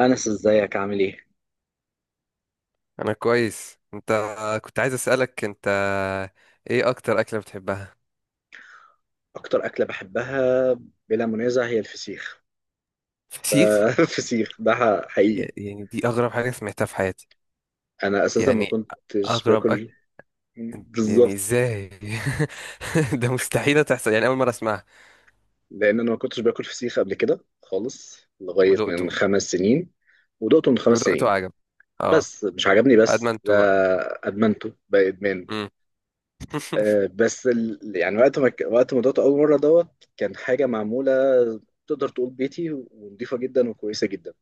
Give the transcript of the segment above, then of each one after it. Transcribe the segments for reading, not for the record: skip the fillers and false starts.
أنس، إزيك؟ عامل إيه؟ انا كويس. انت، كنت عايز اسالك انت، ايه اكتر اكله بتحبها؟ أكتر أكلة بحبها بلا منازع هي الفسيخ فسيخ؟ ده. الفسيخ ده حقيقي. يعني دي اغرب حاجه سمعتها في حياتي. أنا أساسا ما يعني كنتش اغرب اكل. باكل. يعني بالظبط، ازاي؟ ده مستحيله تحصل، يعني اول مره اسمعها. لأن أنا ما كنتش باكل فسيخ قبل كده خالص لغاية ودقته؟ من خمس سنين. ودقته من خمس ودقته سنين، عجب؟ اه. بس مش عجبني، بس ده ادمنته بقى؟ أدمنته بقى إدمان. مم. بس يعني وقت ما دقته أول مرة دوت كان حاجة معمولة، تقدر تقول بيتي، ونضيفة جدا وكويسة جدا.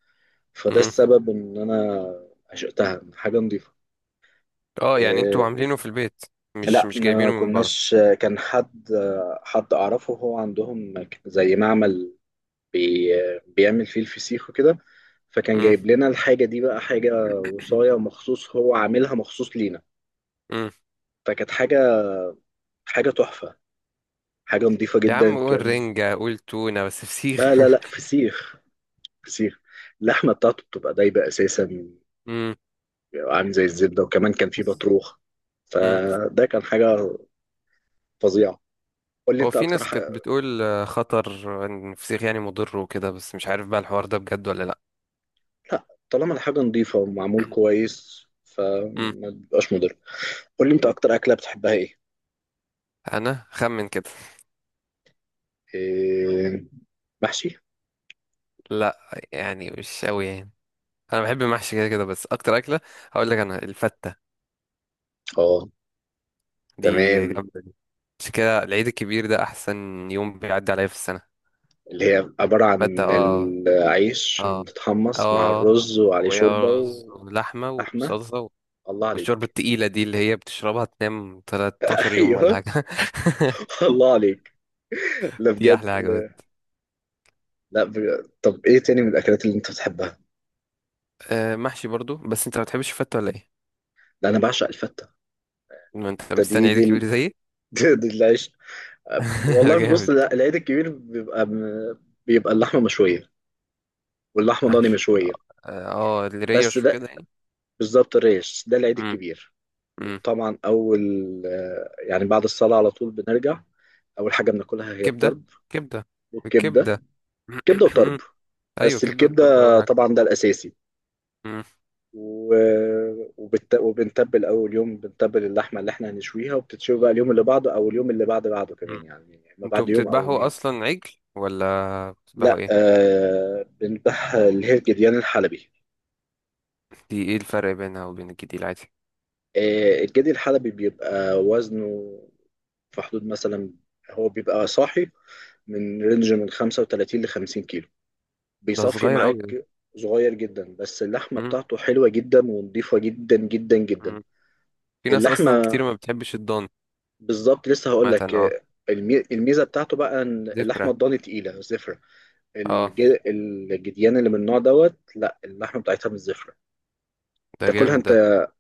فده مم. السبب ان انا عشقتها، إن حاجه نظيفه. اه، يعني انتوا إيه. عاملينه في البيت؟ مش لا، مش ما جايبينه من بره؟ كناش. كان حد، حد اعرفه هو عندهم زي معمل، بي بيعمل فيه الفسيخ وكده. فكان مم. جايب لنا الحاجه دي بقى، حاجه وصايه مخصوص، هو عاملها مخصوص لينا. مم. فكانت حاجه، حاجه تحفه، حاجه نظيفه يا عم جدا قول كان. رنجه، قول تونه، بس لا فسيخ؟ لا لا، فسيخ. فسيخ. اللحمه بتاعته بتبقى دايبه اساسا، عامل زي الزبده، وكمان كان فيه بطروخ. مم. فده كان حاجه فظيعه. قول لي هو انت في اكتر ناس حاجه. كانت بتقول خطر ان الفسيخ يعني مضر وكده، بس مش عارف بقى الحوار ده بجد ولا لا. لا، طالما الحاجه نظيفه ومعمول كويس مم. فما بيبقاش مضر. قول لي انت مم. اكتر اكله بتحبها ايه؟ انا خمن كده. إيه، محشي. لا، يعني مش قوي يعني. انا بحب المحشي كده كده، بس اكتر اكله هقول لك انا الفته. اه. دي تمام. جامده دي. مش كده؟ العيد الكبير ده احسن يوم بيعدي عليا في السنه. اللي هي عباره فته، عن اه. العيش اه. متتحمص مع اه. الرز وعليه ويا شوربه رز ولحمه ولحمه. وصلصه. الله والشوربه عليك. التقيله دي اللي هي بتشربها تنام 13 يوم ولا ايوه. حاجه. الله عليك. لا دي بجد. احلى حاجه. لا بجد. طب ايه تاني من الاكلات اللي انت بتحبها؟ آه، محشي برضو، بس انت ما بتحبش الفتة ولا ايه؟ لا، انا بعشق الفته. ما انت الفته دي مستني عيد كبير زيي. دي العيش. ده والله بص، جامد. لا، العيد الكبير بيبقى، بيبقى اللحمه مشويه، واللحمه ضاني محشي، مشويه. اه. آه، بس الريش ده وكده يعني. بالظبط، الريش ده العيد مم. الكبير. مم. وطبعا اول، يعني بعد الصلاه على طول بنرجع. اول حاجه بناكلها هي كبدة. الطرب كبدة. والكبده. الكبدة. كبده وطرب. ايوه، بس كبدة والطرب اول الكبده حاجة. طبعا ده الاساسي. مم. و... وبنتبل اول يوم، بنتبل اللحمه اللي احنا هنشويها، وبتتشوي بقى اليوم اللي بعده او اليوم اللي بعد بعده كمان، مم. يعني ما انتوا بعد يوم او بتذبحوا يومين. اصلا عجل ولا بتذبحوا لا، ايه؟ بنذبح اللي هي الجديان الحلبي. دي ايه الفرق بينها وبين الجديد العادي؟ آه، الجدي الحلبي بيبقى وزنه في حدود مثلا، هو بيبقى صاحي، من رينج من 35 ل 50 كيلو، ده بيصفي صغير قوي ده. معاك. صغير جدا بس اللحمة مم. بتاعته حلوة جدا ونضيفة جدا جدا جدا. مم. في ناس اصلا اللحمة كتير ما بتحبش الضان. بالظبط، لسه هقول لك. مثلا، اه. الميزة بتاعته بقى ان اللحمة ذكرى. الضاني تقيلة زفرة. اه، الجديان اللي من النوع دوت، لا، اللحمة بتاعتها مش زفرة. ده تاكلها جامد انت. ده.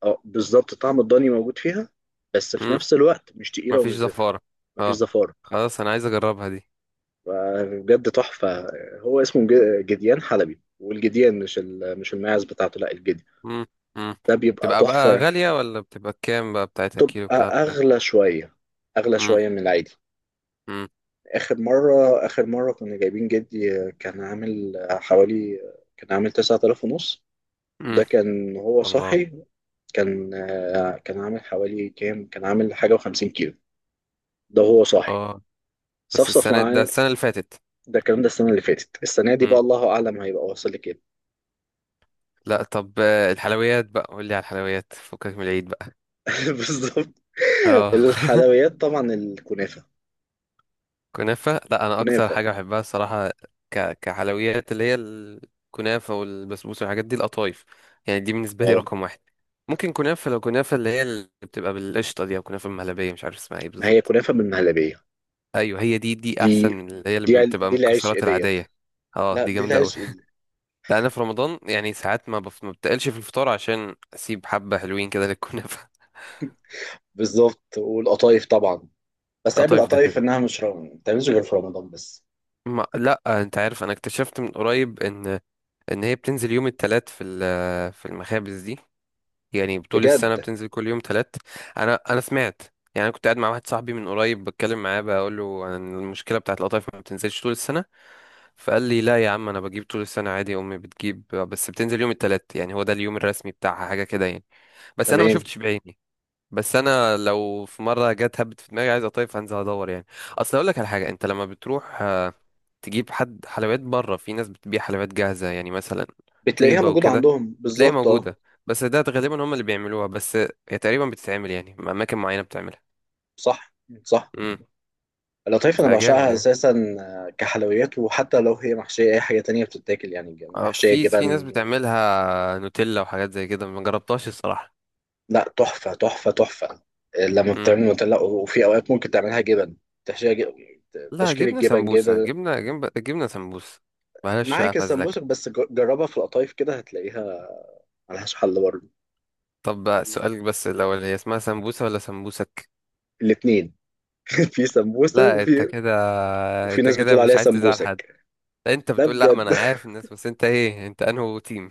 اه، بالظبط، طعم الضاني موجود فيها، بس في نفس الوقت مش تقيله مفيش ومش زفره. زفارة. مفيش اه، زفاره. خلاص انا عايز اجربها دي. فبجد تحفه. هو اسمه جديان حلبي، والجديان مش الماعز بتاعته، لا الجدي. مم. مم. ده بيبقى تبقى بقى تحفه. غالية ولا بتبقى كام بقى؟ بتاعتها كيلو تبقى بتاعها بكام؟ اغلى شويه، اغلى مم. شويه من العادي. مم. اخر مره كنا جايبين جدي، كان عامل حوالي، كان عامل 9000 ونص. مم. ده كان هو الله. صاحي. كان عامل حوالي كام، كان عامل حاجه و50 كيلو. ده هو صاحي، اه، بس صفصف السنة ده؟ معاه. السنة اللي فاتت؟ ده الكلام ده السنة اللي فاتت. السنة دي بقى مم. الله أعلم هيبقى واصل لكام. لا طب، الحلويات بقى، قول لي على الحلويات، فكك من العيد بقى. بالظبط. اه. الحلويات طبعا الكنافة. كنافة؟ لا، انا اكتر كنافة. حاجة بحبها الصراحة. كحلويات اللي هي الكنافة والبسبوسة والحاجات دي، القطايف. يعني دي بالنسبة لي اه، رقم واحد. ممكن كنافة، لو كنافة اللي هي اللي بتبقى بالقشطة دي، او كنافة مهلبية، مش عارف اسمها ايه ما هي بالظبط. كنافة بالمهلبية. ايوه، هي دي. دي دي احسن من اللي هي اللي بتبقى دي العشق مكسرات ديت. العادية. اه، لا، دي دي جامدة اوي. العشق دي. لا، انا في رمضان يعني ساعات ما بتقلش في الفطار عشان اسيب حبة حلوين كده للكنافة. بالظبط، والقطايف طبعا. بس عيب القطايف ده القطايف كده. انها مش ما بتعملش غير في رمضان بس. ما... لا، انت عارف انا اكتشفت من قريب ان هي بتنزل يوم التلات في المخابز دي. يعني طول السنة بجد. بتنزل كل يوم تلات. أنا سمعت. يعني أنا كنت قاعد مع واحد صاحبي من قريب بتكلم معاه، بقول له عن المشكلة بتاعت القطايف ما بتنزلش طول السنة. فقال لي لا يا عم، أنا بجيب طول السنة عادي، أمي بتجيب، بس بتنزل يوم التلات، يعني هو ده اليوم الرسمي بتاعها، حاجة كده يعني. بس أنا ما تمام. شفتش بعيني. بس أنا لو في مرة جت هبت في دماغي عايز قطايف هنزل أدور يعني. أصل أقول لك على حاجة، أنت لما بتروح تجيب حد حلويات بره، في ناس بتبيع حلويات جاهزة يعني، مثلا بتلاقيها طيبة موجودة وكده، عندهم بتلاقيها بالظبط. اه. موجودة. بس ده غالبا هم اللي بيعملوها بس، هي تقريبا بتتعمل يعني أماكن معينة بتعملها. صح، صح. امم. القطايف انا فجامد بعشقها يعني. اساسا. كحلويات، وحتى لو هي محشيه اي حاجه تانية بتتاكل، يعني اه، محشيه في ناس جبن. بتعملها نوتيلا وحاجات زي كده، ما جربتهاش الصراحة. لا، تحفه تحفه تحفه. آه، لما امم. بتعمل نوتيلا، وفي اوقات ممكن تعملها جبن، تحشيها، لا، تشكيل جبنة الجبن سمبوسة، كده. جبنة جبنة جبنة سمبوسة. معلش بقى، معاك فازلك. السمبوسك، بس جربها في القطايف كده هتلاقيها، ملهاش حل برضه. طب بقى سؤالك بس، الأول هي اسمها سمبوسة ولا سمبوسك الاتنين. في سمبوسه، لا انت وفي، كده وفي انت ناس كده بتقول مش عليها عايز تزعل حد سمبوسك. انت ده بتقول لا ما انا بجد. عارف الناس بس انت ايه انت انهو تيم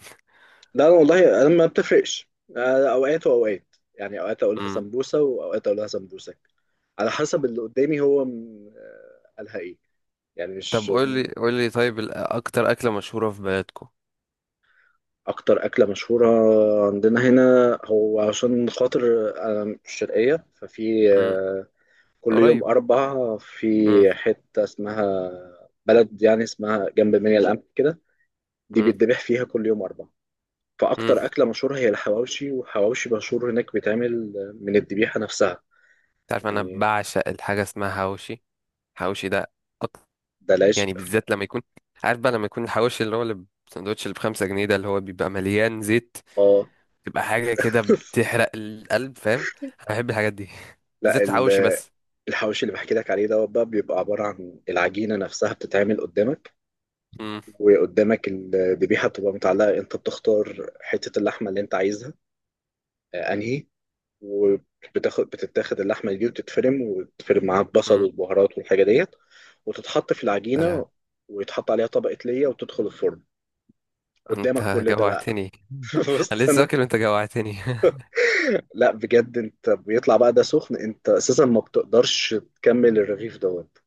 لا، انا والله، ما بتفرقش. أنا اوقات واوقات، يعني اوقات اقولها امم سمبوسه واوقات اقولها سمبوسك، على حسب اللي قدامي هو قالها ايه. يعني طب مش قول لي قول لي طيب اكتر اكله مشهوره في بلدكم؟ اكتر اكله مشهوره. عندنا هنا، هو عشان خاطر انا مش شرقيه ففي، امم. كل يوم قريب. اربع، في امم. حته اسمها بلد، يعني اسمها جنب منيا القمح كده، دي امم. بيتذبح فيها كل يوم اربع. امم. فاكتر اكله مشهوره هي الحواوشي، والحواوشي مشهور هناك بيتعمل من الذبيحه نفسها. انت عارف انا يعني بعشق الحاجه اسمها حواوشي. حواوشي ده. أك... ده العشق. يعني بالذات لما يكون. عارف بقى لما يكون الحواوشي اللي هو اللي الساندوتش اللي بخمسة جنيه ده اللي هو بيبقى مليان زيت. اه. تبقى حاجه كده بتحرق القلب، فاهم. انا بحب الحاجات دي. لا، بالذات الحواوشي بس. الحواوشي اللي بحكي لك عليه دوت بقى بيبقى عبارة عن العجينة نفسها بتتعمل قدامك، امم. وقدامك الذبيحة بتبقى متعلقة، انت بتختار حتة اللحمة اللي انت عايزها، انهي. بتتاخد اللحمة دي وتتفرم، وتتفرم معاها البصل امم. والبهارات والحاجة ديت، وتتحط في سلام. العجينة، ويتحط عليها طبقة ليا، وتدخل الفرن قدامك انت كل ده بقى. جوعتني. انا بص لسه انا، واكل وانت جوعتني. لا بجد، انت بيطلع بقى ده سخن، انت اساسا ما بتقدرش تكمل الرغيف دوت.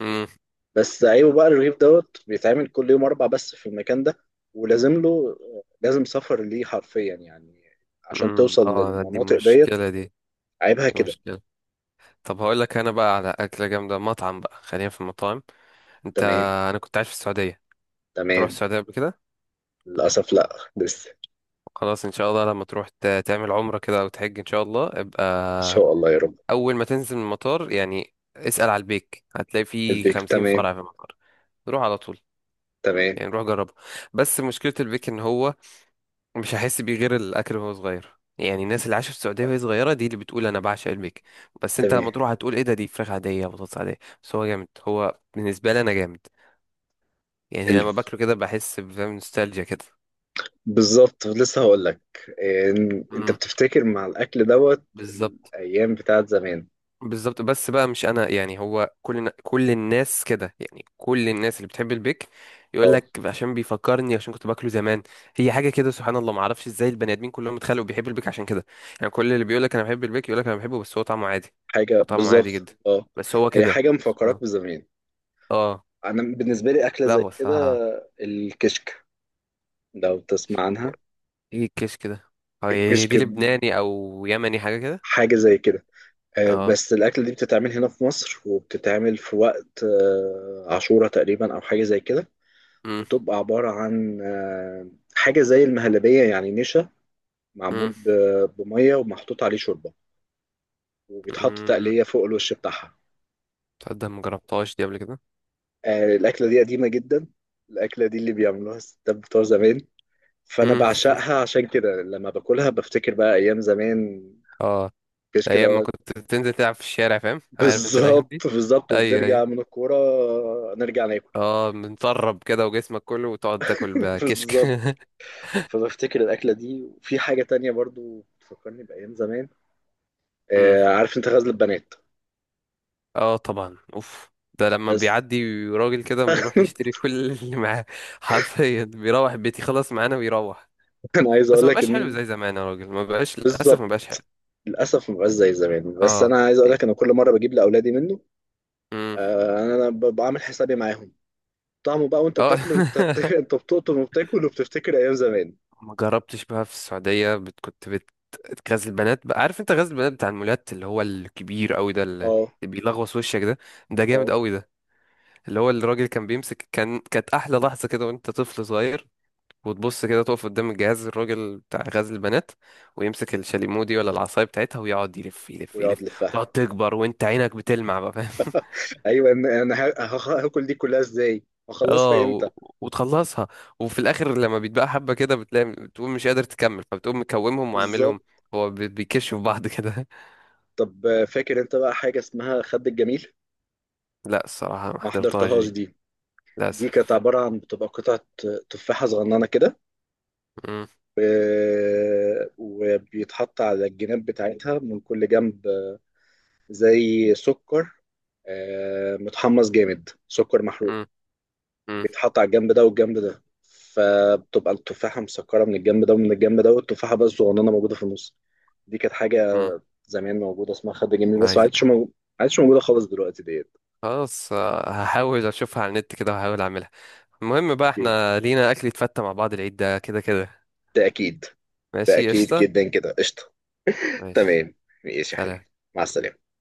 بس عيبه بقى الرغيف دوت بيتعمل كل يوم اربع بس في المكان ده، ولازم له، لازم سفر ليه حرفيا، يعني عشان امم. توصل اه لا، دي للمناطق ديت. مشكلة دي. عيبها دي كده. مشكلة. طب هقول لك انا بقى على أكلة جامدة، مطعم بقى، خلينا في المطاعم. انت، تمام. انا كنت عايش في السعودية. تروح تمام. السعودية قبل كده؟ للاسف لا. لسه. خلاص ان شاء الله لما تروح تعمل عمرة كده او تحج ان شاء الله ان ابقى. شاء الله يا رب. اول ما تنزل من المطار يعني، اسأل على البيك، هتلاقي فيه البيك. خمسين تمام. فرع في المطار. روح على طول. تمام. يعني روح جربه. بس مشكلة البيك ان هو مش هحس بيه غير الاكل وهو صغير، يعني الناس اللي عاشت في السعوديه وهي صغيره دي اللي بتقول انا بعشق البيك. بس انت لما تمام. تروح هتقول ايه ده، دي فراخ عاديه بطاطس عاديه، بس هو جامد، هو بالنسبه لي انا جامد. يعني ال- لما باكله كده بحس بفهم نوستالجيا كده. بالظبط لسه هقول لك، انت امم. بتفتكر مع الاكل دوت بالظبط. الايام بتاعت زمان. بالظبط. بس بقى مش انا يعني، هو كل الناس كده يعني، كل الناس اللي بتحب البيك. يقول آه. لك عشان بيفكرني، عشان كنت باكله زمان. هي حاجه كده سبحان الله، ما اعرفش ازاي البني ادمين كلهم اتخلقوا بيحبوا البيك عشان كده. يعني كل اللي بيقول لك انا بحب البيك يقول لك انا بحبه بس هو طعمه عادي. هو حاجة طعمه عادي بالظبط. جدا. اه. بس هو هي كده حاجة سبحان مفكراك الله. بزمان. اه. أنا بالنسبة لي أكلة لا زي هو كده، الصراحه. الكشك، لو تسمع هو- عنها. ايه الكيش كده؟ هو هي الكشك دي لبناني او يمني حاجه كده؟ حاجة زي كده. اه. بس الأكلة دي بتتعمل هنا في مصر، وبتتعمل في وقت عاشورة تقريبا أو حاجة زي كده. امم. بتبقى عبارة عن حاجة زي المهلبية، يعني نشا امم. معمول بمية، ومحطوط عليه شوربة، وبيتحط أمم. تقلية فوق الوش بتاعها. تصدق ما جربتهاش دي قبل كده. آه، الأكلة دي قديمة جدا. الأكلة دي اللي بيعملوها الستات بتوع زمان. فانا امم. بعشقها عشان كده لما باكلها بفتكر بقى ايام زمان. اه. مفيش كده ايام ما أهوت. كنت تنزل تلعب في الشارع، فاهم؟ عارف انت الايام بالظبط دي. بالظبط، ايوه، ايوه. وبنرجع من الكوره نرجع ناكل. اه، متطرب كده وجسمك كله، وتقعد تاكل بكشك. بالظبط. فبفتكر الاكله دي، وفي حاجه تانية برضو بتفكرني بايام زمان. امم. آه عارف انت غزل البنات. اه طبعا، اوف. ده لما بس. بيعدي راجل كده، بنروح نشتري كل اللي معاه. حرفيا بيروح بيتي خلاص معانا ويروح. انا عايز بس اقول ما لك بقاش حلو ان، زي زمان يا راجل، ما بقاش للاسف، ما بالظبط، بقاش حلو. للاسف ما بقاش زي زمان، بس اه، انا عايز اقول يعني. لك انا كل مره بجيب لاولادي منه. امم. آه، انا بعمل حسابي معاهم. طعمه بقى وانت اه. بتاكله، انت انت بتقطم وبتاكل، وبتفتكر ايام زمان. ما جربتش بقى في السعودية كنت غزل البنات بقى، عارف انت غزل البنات بتاع المولات اللي هو الكبير قوي ده اللي اه. بيلغوص وشك ده. ده جامد اه. قوي ده. اللي هو الراجل كان بيمسك، كانت احلى لحظة كده وانت طفل صغير، وتبص كده تقف قدام الجهاز، الراجل بتاع غزل البنات، ويمسك الشاليمو دي ولا العصاية بتاعتها، ويقعد يلف يلف ويقعد يلف. لفها. تقعد تكبر وانت عينك بتلمع بقى، فاهم. ايوه، انا هاكل دي كلها ازاي، هخلصها اه. امتى. وتخلصها. وفي الاخر لما بيتبقى حبه كده، بتلاقي بتقوم مش قادر تكمل، فبتقوم مكومهم وعاملهم. بالظبط. هو بيكشوا في بعض كده. طب فاكر انت بقى حاجه اسمها خد الجميل؟ لا الصراحه ما ما حضرتهاش حضرتهاش دي. دي. دي كانت للاسف. عباره عن بتبقى قطعه تفاحه صغننه كده، مم. آه، وبيتحط على الجناب بتاعتها من كل جنب، آه، زي سكر، آه، متحمص جامد، سكر محروق، مم. مم. بيتحط على الجنب ده والجنب ده، فبتبقى التفاحة مسكرة من الجنب ده ومن الجنب ده، والتفاحة بس صغننة موجودة في النص. دي كانت حاجة مم. زمان موجودة اسمها خد جنبي، بس ما عايز. عادش ما عادش موجودة خالص دلوقتي ديت. خلاص، هحاول اشوفها على النت كده وهحاول اعملها. المهم بقى، اوكي. احنا لينا اكل يتفتى مع بعض العيد ده كده كده. ده أكيد. ده ماشي، أكيد قشطه. جدا كده. قشطة. ماشي. تمام. ماشي يا سلام. حبيبي. مع السلامة.